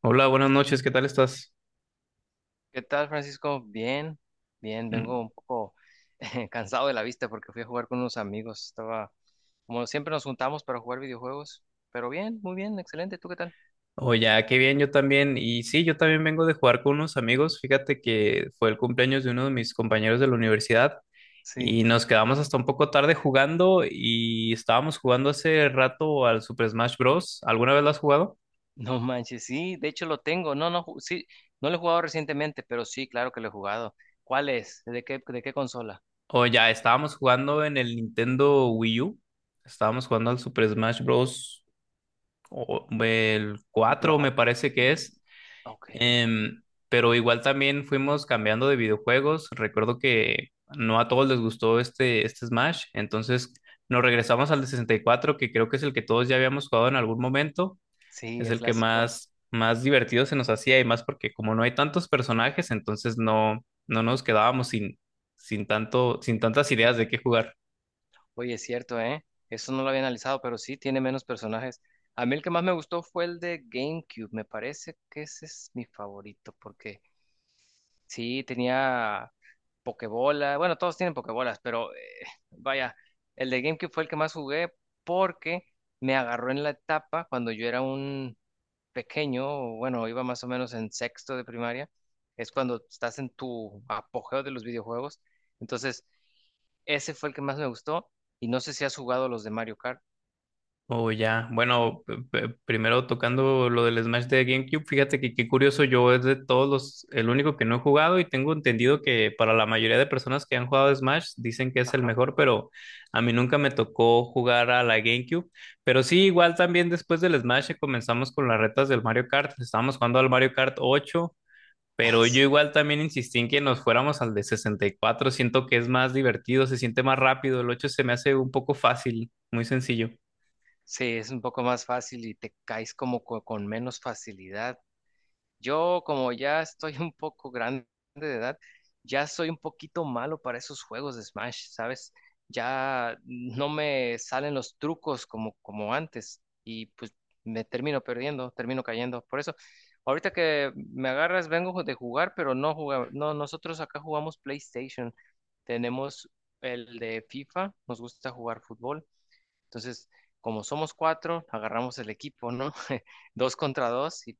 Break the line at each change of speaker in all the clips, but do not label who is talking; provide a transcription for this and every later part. Hola, buenas noches, ¿qué tal estás?
¿Qué tal, Francisco? Bien, vengo
Mm,
un poco cansado de la vista porque fui a jugar con unos amigos. Como siempre nos juntamos para jugar videojuegos, pero bien, muy bien, excelente. ¿Tú qué tal?
Oye, ah, qué bien, yo también. Y sí, yo también vengo de jugar con unos amigos. Fíjate que fue el cumpleaños de uno de mis compañeros de la universidad
Sí.
y nos quedamos hasta un poco tarde jugando y estábamos jugando hace rato al Super Smash Bros. ¿Alguna vez lo has jugado?
No manches, sí, de hecho lo tengo. No, no, sí, no lo he jugado recientemente, pero sí, claro que lo he jugado. ¿Cuál es? De qué consola?
O ya, estábamos jugando en el Nintendo Wii U. Estábamos jugando al Super Smash Bros. El 4
Brawl
me
Stars.
parece que es.
Ok,
Em, pero igual también fuimos cambiando de videojuegos. Recuerdo que no a todos les gustó este Smash, entonces nos regresamos al de 64 que creo que es el que todos ya habíamos jugado en algún momento.
sí,
Es
el
el que
clásico.
más, más divertido se nos hacía y más porque como no hay tantos personajes, entonces no, no nos quedábamos sin, sin tanto, sin tantas ideas de qué jugar.
Oye, es cierto, ¿eh? Eso no lo había analizado, pero sí tiene menos personajes. A mí el que más me gustó fue el de GameCube. Me parece que ese es mi favorito, porque sí tenía Pokébola. Bueno, todos tienen Pokébolas, pero vaya, el de GameCube fue el que más jugué porque me agarró en la etapa cuando yo era un pequeño, bueno, iba más o menos en sexto de primaria. Es cuando estás en tu apogeo de los videojuegos. Entonces. Ese fue el que más me gustó. Y no sé si has jugado los de Mario Kart.
Oh, ya. Bueno, primero tocando lo del Smash de GameCube, fíjate que qué curioso, yo es de todos los, el único que no he jugado y tengo entendido que para la mayoría de personas que han jugado Smash dicen que es el
Ajá.
mejor, pero a mí nunca me tocó jugar a la GameCube. Pero sí, igual también después del Smash comenzamos con las retas del Mario Kart, estábamos jugando al Mario Kart 8 pero yo igual también insistí en que nos fuéramos al de 64 siento que es más divertido, se siente más rápido, el 8 se me hace un poco fácil, muy sencillo.
Sí, es un poco más fácil y te caes con menos facilidad. Yo, como ya estoy un poco grande de edad, ya soy un poquito malo para esos juegos de Smash, ¿sabes? Ya no me salen los trucos como, como antes y pues me termino perdiendo, termino cayendo. Por eso, ahorita que me agarras, vengo de jugar, pero no jugamos, no, nosotros acá jugamos PlayStation. Tenemos el de FIFA, nos gusta jugar fútbol. Entonces, como somos cuatro, agarramos el equipo, ¿no? Dos contra dos y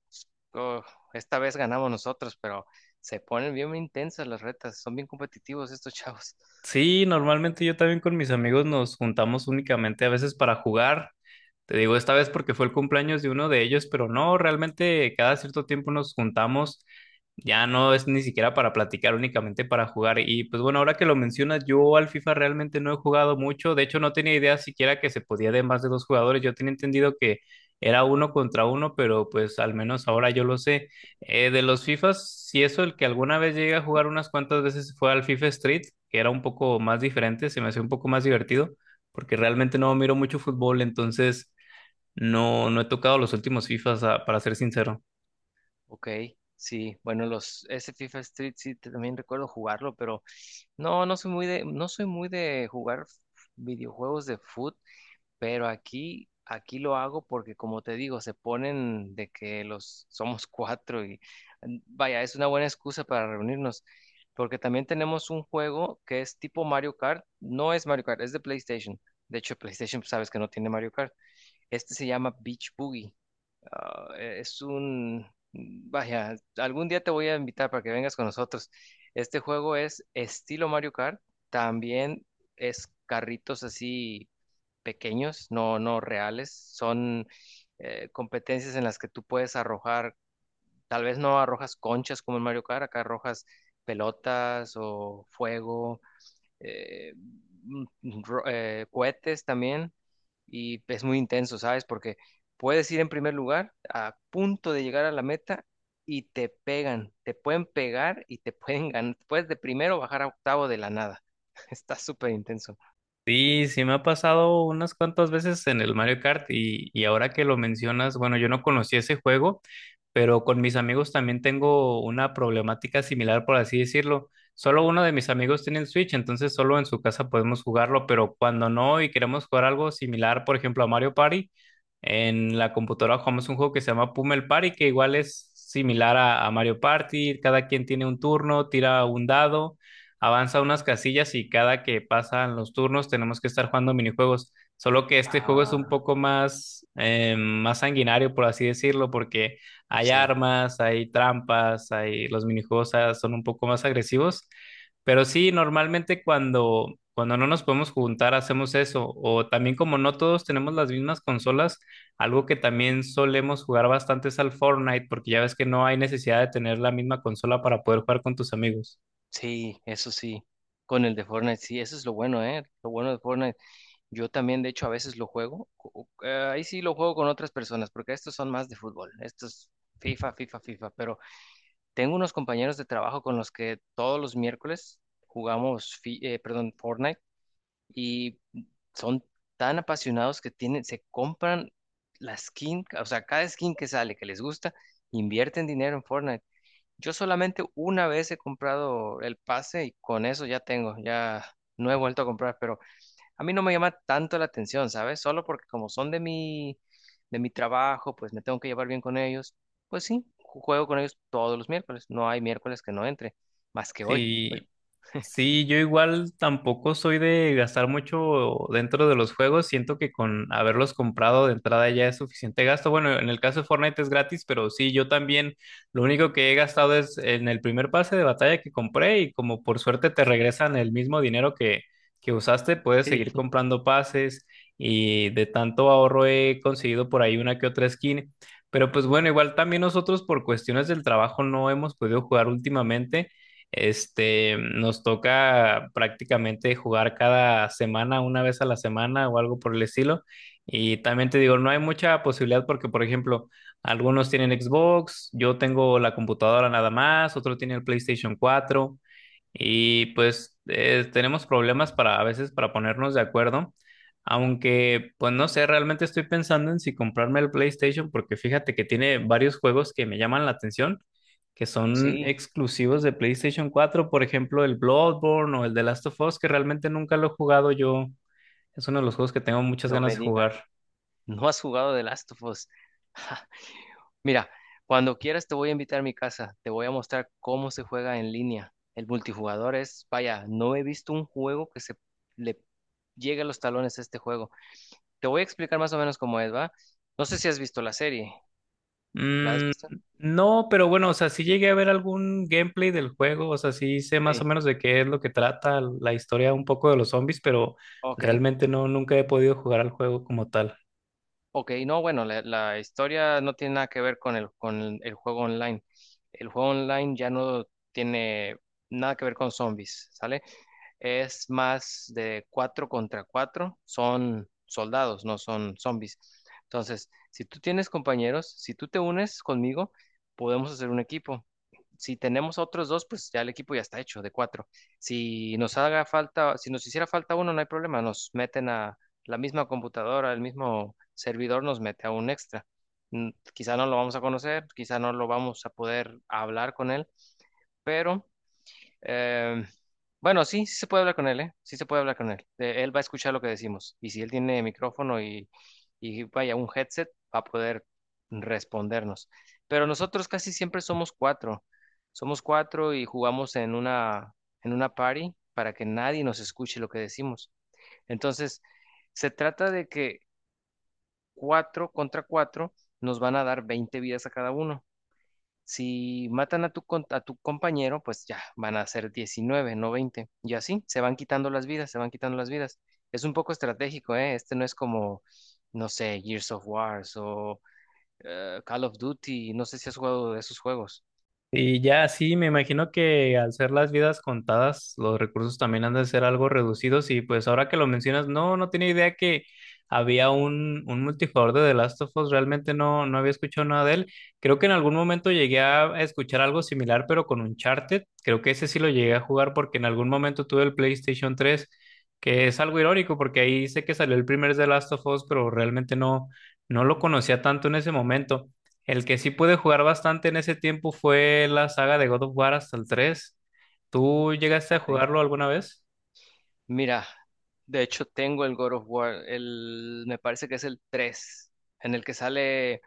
oh, esta vez ganamos nosotros, pero se ponen bien intensas las retas, son bien competitivos estos chavos.
Sí, normalmente yo también con mis amigos nos juntamos únicamente a veces para jugar. Te digo esta vez porque fue el cumpleaños de uno de ellos, pero no, realmente cada cierto tiempo nos juntamos. Ya no es ni siquiera para platicar, únicamente para jugar. Y pues bueno, ahora que lo mencionas, yo al FIFA realmente no he jugado mucho. De hecho, no tenía idea siquiera que se podía de más de dos jugadores. Yo tenía entendido que era uno contra uno, pero pues al menos ahora yo lo sé. De los FIFAs, si eso, el que alguna vez llegué a jugar unas cuantas veces fue al FIFA Street, que era un poco más diferente, se me hacía un poco más divertido, porque realmente no miro mucho fútbol, entonces no, no he tocado los últimos FIFAs, para ser sincero.
Ok, sí, bueno, los ese FIFA Street sí también recuerdo jugarlo, pero no, no soy muy de, no soy muy de jugar videojuegos de fútbol. Pero aquí lo hago porque, como te digo, se ponen de que los somos cuatro y vaya, es una buena excusa para reunirnos. Porque también tenemos un juego que es tipo Mario Kart. No es Mario Kart, es de PlayStation. De hecho, PlayStation, pues, sabes que no tiene Mario Kart. Este se llama Beach Boogie. Es un, vaya, algún día te voy a invitar para que vengas con nosotros. Este juego es estilo Mario Kart, también es carritos así pequeños, no, no reales, son competencias en las que tú puedes arrojar, tal vez no arrojas conchas como en Mario Kart, acá arrojas pelotas o fuego eh, mm, cohetes también y es muy intenso, ¿sabes? Porque puedes ir en primer lugar a punto de llegar a la meta y te pegan, te pueden pegar y te pueden ganar, puedes de primero bajar a octavo de la nada. Está súper intenso.
Sí, sí me ha pasado unas cuantas veces en el Mario Kart y ahora que lo mencionas, bueno, yo no conocí ese juego, pero con mis amigos también tengo una problemática similar, por así decirlo. Solo uno de mis amigos tiene el Switch, entonces solo en su casa podemos jugarlo, pero cuando no y queremos jugar algo similar, por ejemplo, a Mario Party, en la computadora jugamos un juego que se llama Pummel Party, que igual es similar a Mario Party, cada quien tiene un turno, tira un dado. Avanza unas casillas y cada que pasan los turnos tenemos que estar jugando minijuegos. Solo que este juego es un
Ah,
poco más, más sanguinario, por así decirlo, porque hay
sí,
armas, hay trampas, hay los minijuegos son un poco más agresivos. Pero sí, normalmente cuando no nos podemos juntar hacemos eso. O también como no todos tenemos las mismas consolas, algo que también solemos jugar bastante es al Fortnite, porque ya ves que no hay necesidad de tener la misma consola para poder jugar con tus amigos.
sí, eso sí. Con el de Fortnite, sí, eso es lo bueno, ¿eh? Lo bueno de Fortnite. Yo también, de hecho, a veces lo juego. Ahí sí lo juego con otras personas, porque estos son más de fútbol. Estos FIFA, FIFA, FIFA. Pero tengo unos compañeros de trabajo con los que todos los miércoles jugamos, Fortnite, y son tan apasionados que tienen, se compran la skin, o sea, cada skin que sale que les gusta, invierten dinero en Fortnite. Yo solamente una vez he comprado el pase y con eso ya tengo, ya no he vuelto a comprar, pero a mí no me llama tanto la atención, ¿sabes? Solo porque como son de mi trabajo, pues me tengo que llevar bien con ellos. Pues sí, juego con ellos todos los miércoles. No hay miércoles que no entre, más que hoy. Hoy
Sí, sí, yo igual tampoco soy de gastar mucho dentro de los juegos. Siento que con haberlos comprado de entrada ya es suficiente gasto. Bueno, en el caso de Fortnite es gratis, pero sí, yo también lo único que he gastado es en el primer pase de batalla que compré y como por suerte te regresan el mismo dinero que usaste, puedes
sí.
seguir comprando pases y de tanto ahorro he conseguido por ahí una que otra skin. Pero pues bueno, igual también nosotros por cuestiones del trabajo no hemos podido jugar últimamente. Nos toca prácticamente jugar cada semana, una vez a la semana o algo por el estilo. Y también te digo, no hay mucha posibilidad porque, por ejemplo, algunos tienen Xbox, yo tengo la computadora nada más, otro tiene el PlayStation cuatro. Y pues tenemos problemas para a veces para ponernos de acuerdo, aunque pues no sé, realmente estoy pensando en si comprarme el PlayStation porque fíjate que tiene varios juegos que me llaman la atención, que son
Sí,
exclusivos de PlayStation cuatro, por ejemplo el Bloodborne o el The Last of Us, que realmente nunca lo he jugado yo. Es uno de los juegos que tengo muchas
no
ganas
me
de
digas,
jugar.
no has jugado de Last of Us. Mira, cuando quieras te voy a invitar a mi casa, te voy a mostrar cómo se juega en línea. El multijugador es, vaya, no he visto un juego que se le llegue a los talones a este juego. Te voy a explicar más o menos cómo es, ¿va? No sé si has visto la serie. ¿La has
Mm,
visto?
no, pero bueno, o sea, sí llegué a ver algún gameplay del juego, o sea, sí sé más o
Sí.
menos de qué es lo que trata la historia un poco de los zombies, pero
Ok,
realmente no, nunca he podido jugar al juego como tal.
ok, no, bueno, la historia no tiene nada que ver con el, con el juego online. El juego online ya no tiene nada que ver con zombies, ¿sale? Es más de cuatro contra cuatro, son soldados, no son zombies. Entonces, si tú tienes compañeros, si tú te unes conmigo, podemos hacer un equipo. Si tenemos otros dos, pues ya el equipo ya está hecho de cuatro. Si nos haga falta, si nos hiciera falta uno, no hay problema, nos meten a la misma computadora, el mismo servidor nos mete a un extra. Quizá no lo vamos a conocer, quizá no lo vamos a poder hablar con él, pero eh, bueno, sí, sí se puede hablar con él, ¿eh? Sí se puede hablar con él. Él va a escuchar lo que decimos. Y si él tiene micrófono y vaya, un headset, va a poder respondernos. Pero nosotros casi siempre somos cuatro. Somos cuatro y jugamos en una party para que nadie nos escuche lo que decimos. Entonces, se trata de que cuatro contra cuatro nos van a dar 20 vidas a cada uno. Si matan a a tu compañero, pues ya van a ser 19, no 20. Y así se van quitando las vidas, se van quitando las vidas. Es un poco estratégico, ¿eh? Este no es como, no sé, Gears of Wars o Call of Duty. No sé si has jugado de esos juegos.
Y ya sí, me imagino que al ser las vidas contadas, los recursos también han de ser algo reducidos y pues ahora que lo mencionas, no, no tenía idea que había un multijugador de The Last of Us, realmente no, no había escuchado nada de él. Creo que en algún momento llegué a escuchar algo similar, pero con Uncharted, creo que ese sí lo llegué a jugar porque en algún momento tuve el PlayStation tres, que es algo irónico porque ahí sé que salió el primer The Last of Us, pero realmente no, no lo conocía tanto en ese momento. El que sí pude jugar bastante en ese tiempo fue la saga de God of War hasta el 3. ¿Tú llegaste a
Ok.
jugarlo alguna vez?
Mira, de hecho tengo el God of War, el, me parece que es el 3, en el que sale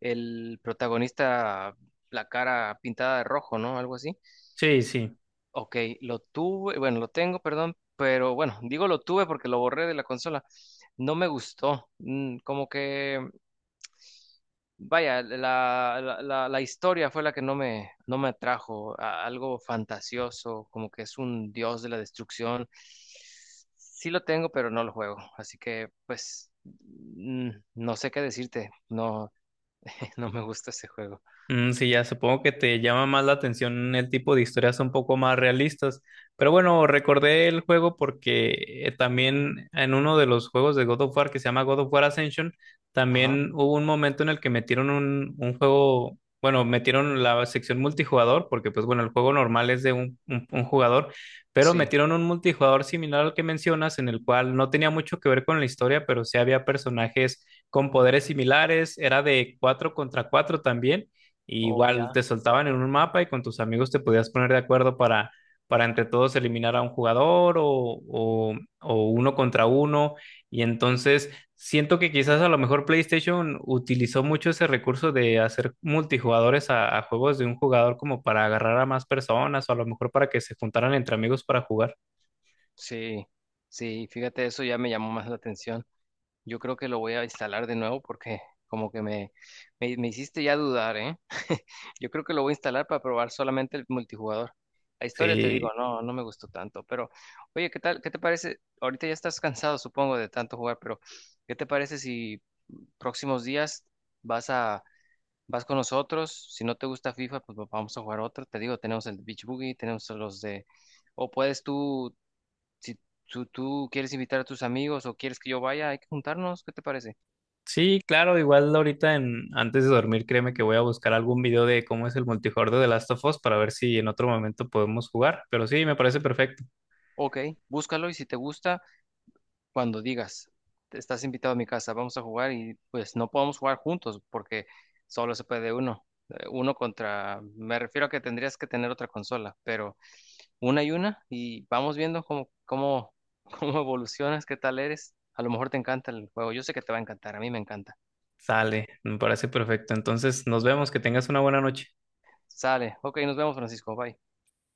el protagonista la cara pintada de rojo, ¿no? Algo así.
Sí, sí.
Ok, lo tuve, bueno, lo tengo, perdón, pero bueno, digo lo tuve porque lo borré de la consola. No me gustó. Como que, vaya, la historia fue la que no me, no me atrajo. Algo fantasioso, como que es un dios de la destrucción. Sí lo tengo, pero no lo juego. Así que, pues, no sé qué decirte. No, no me gusta ese juego.
Mm, sí, ya supongo que te llama más la atención el tipo de historias un poco más realistas. Pero bueno, recordé el juego porque también en uno de los juegos de God of War que se llama God of War Ascension,
Ajá,
también hubo un momento en el que metieron un juego, bueno, metieron la sección multijugador, porque pues bueno, el juego normal es de un jugador, pero
sí.
metieron un multijugador similar al que mencionas, en el cual no tenía mucho que ver con la historia, pero sí había personajes con poderes similares, era de cuatro contra cuatro también y
Oh,
igual
ya.
te soltaban en un mapa y con tus amigos te podías poner de acuerdo para, entre todos eliminar a un jugador o uno contra uno. Y entonces siento que quizás a lo mejor PlayStation utilizó mucho ese recurso de hacer multijugadores a juegos de un jugador como para agarrar a más personas o a lo mejor para que se juntaran entre amigos para jugar.
Sí, sí, fíjate, eso ya me llamó más la atención. Yo creo que lo voy a instalar de nuevo porque como que me hiciste ya dudar, ¿eh? Yo creo que lo voy a instalar para probar solamente el multijugador. La historia te
Sí,
digo, no, no me gustó tanto, pero oye, ¿qué tal? ¿Qué te parece? Ahorita ya estás cansado, supongo, de tanto jugar, pero ¿qué te parece si próximos días vas a vas con nosotros? Si no te gusta FIFA, pues vamos a jugar otro. Te digo, tenemos el Beach Boogie, tenemos los de o puedes tú si tú quieres invitar a tus amigos o quieres que yo vaya, hay que juntarnos, ¿qué te parece?
sí, claro, igual ahorita en, antes de dormir, créeme que voy a buscar algún video de cómo es el multijugador de The Last of Us para ver si en otro momento podemos jugar. Pero sí, me parece perfecto.
Ok, búscalo y si te gusta, cuando digas, estás invitado a mi casa, vamos a jugar y pues no podemos jugar juntos porque solo se puede uno. Uno contra, me refiero a que tendrías que tener otra consola, pero una y vamos viendo cómo, cómo evolucionas, qué tal eres. A lo mejor te encanta el juego, yo sé que te va a encantar, a mí me encanta.
Sale, me parece perfecto. Entonces, nos vemos, que tengas una buena noche.
Sale, ok, nos vemos Francisco, bye.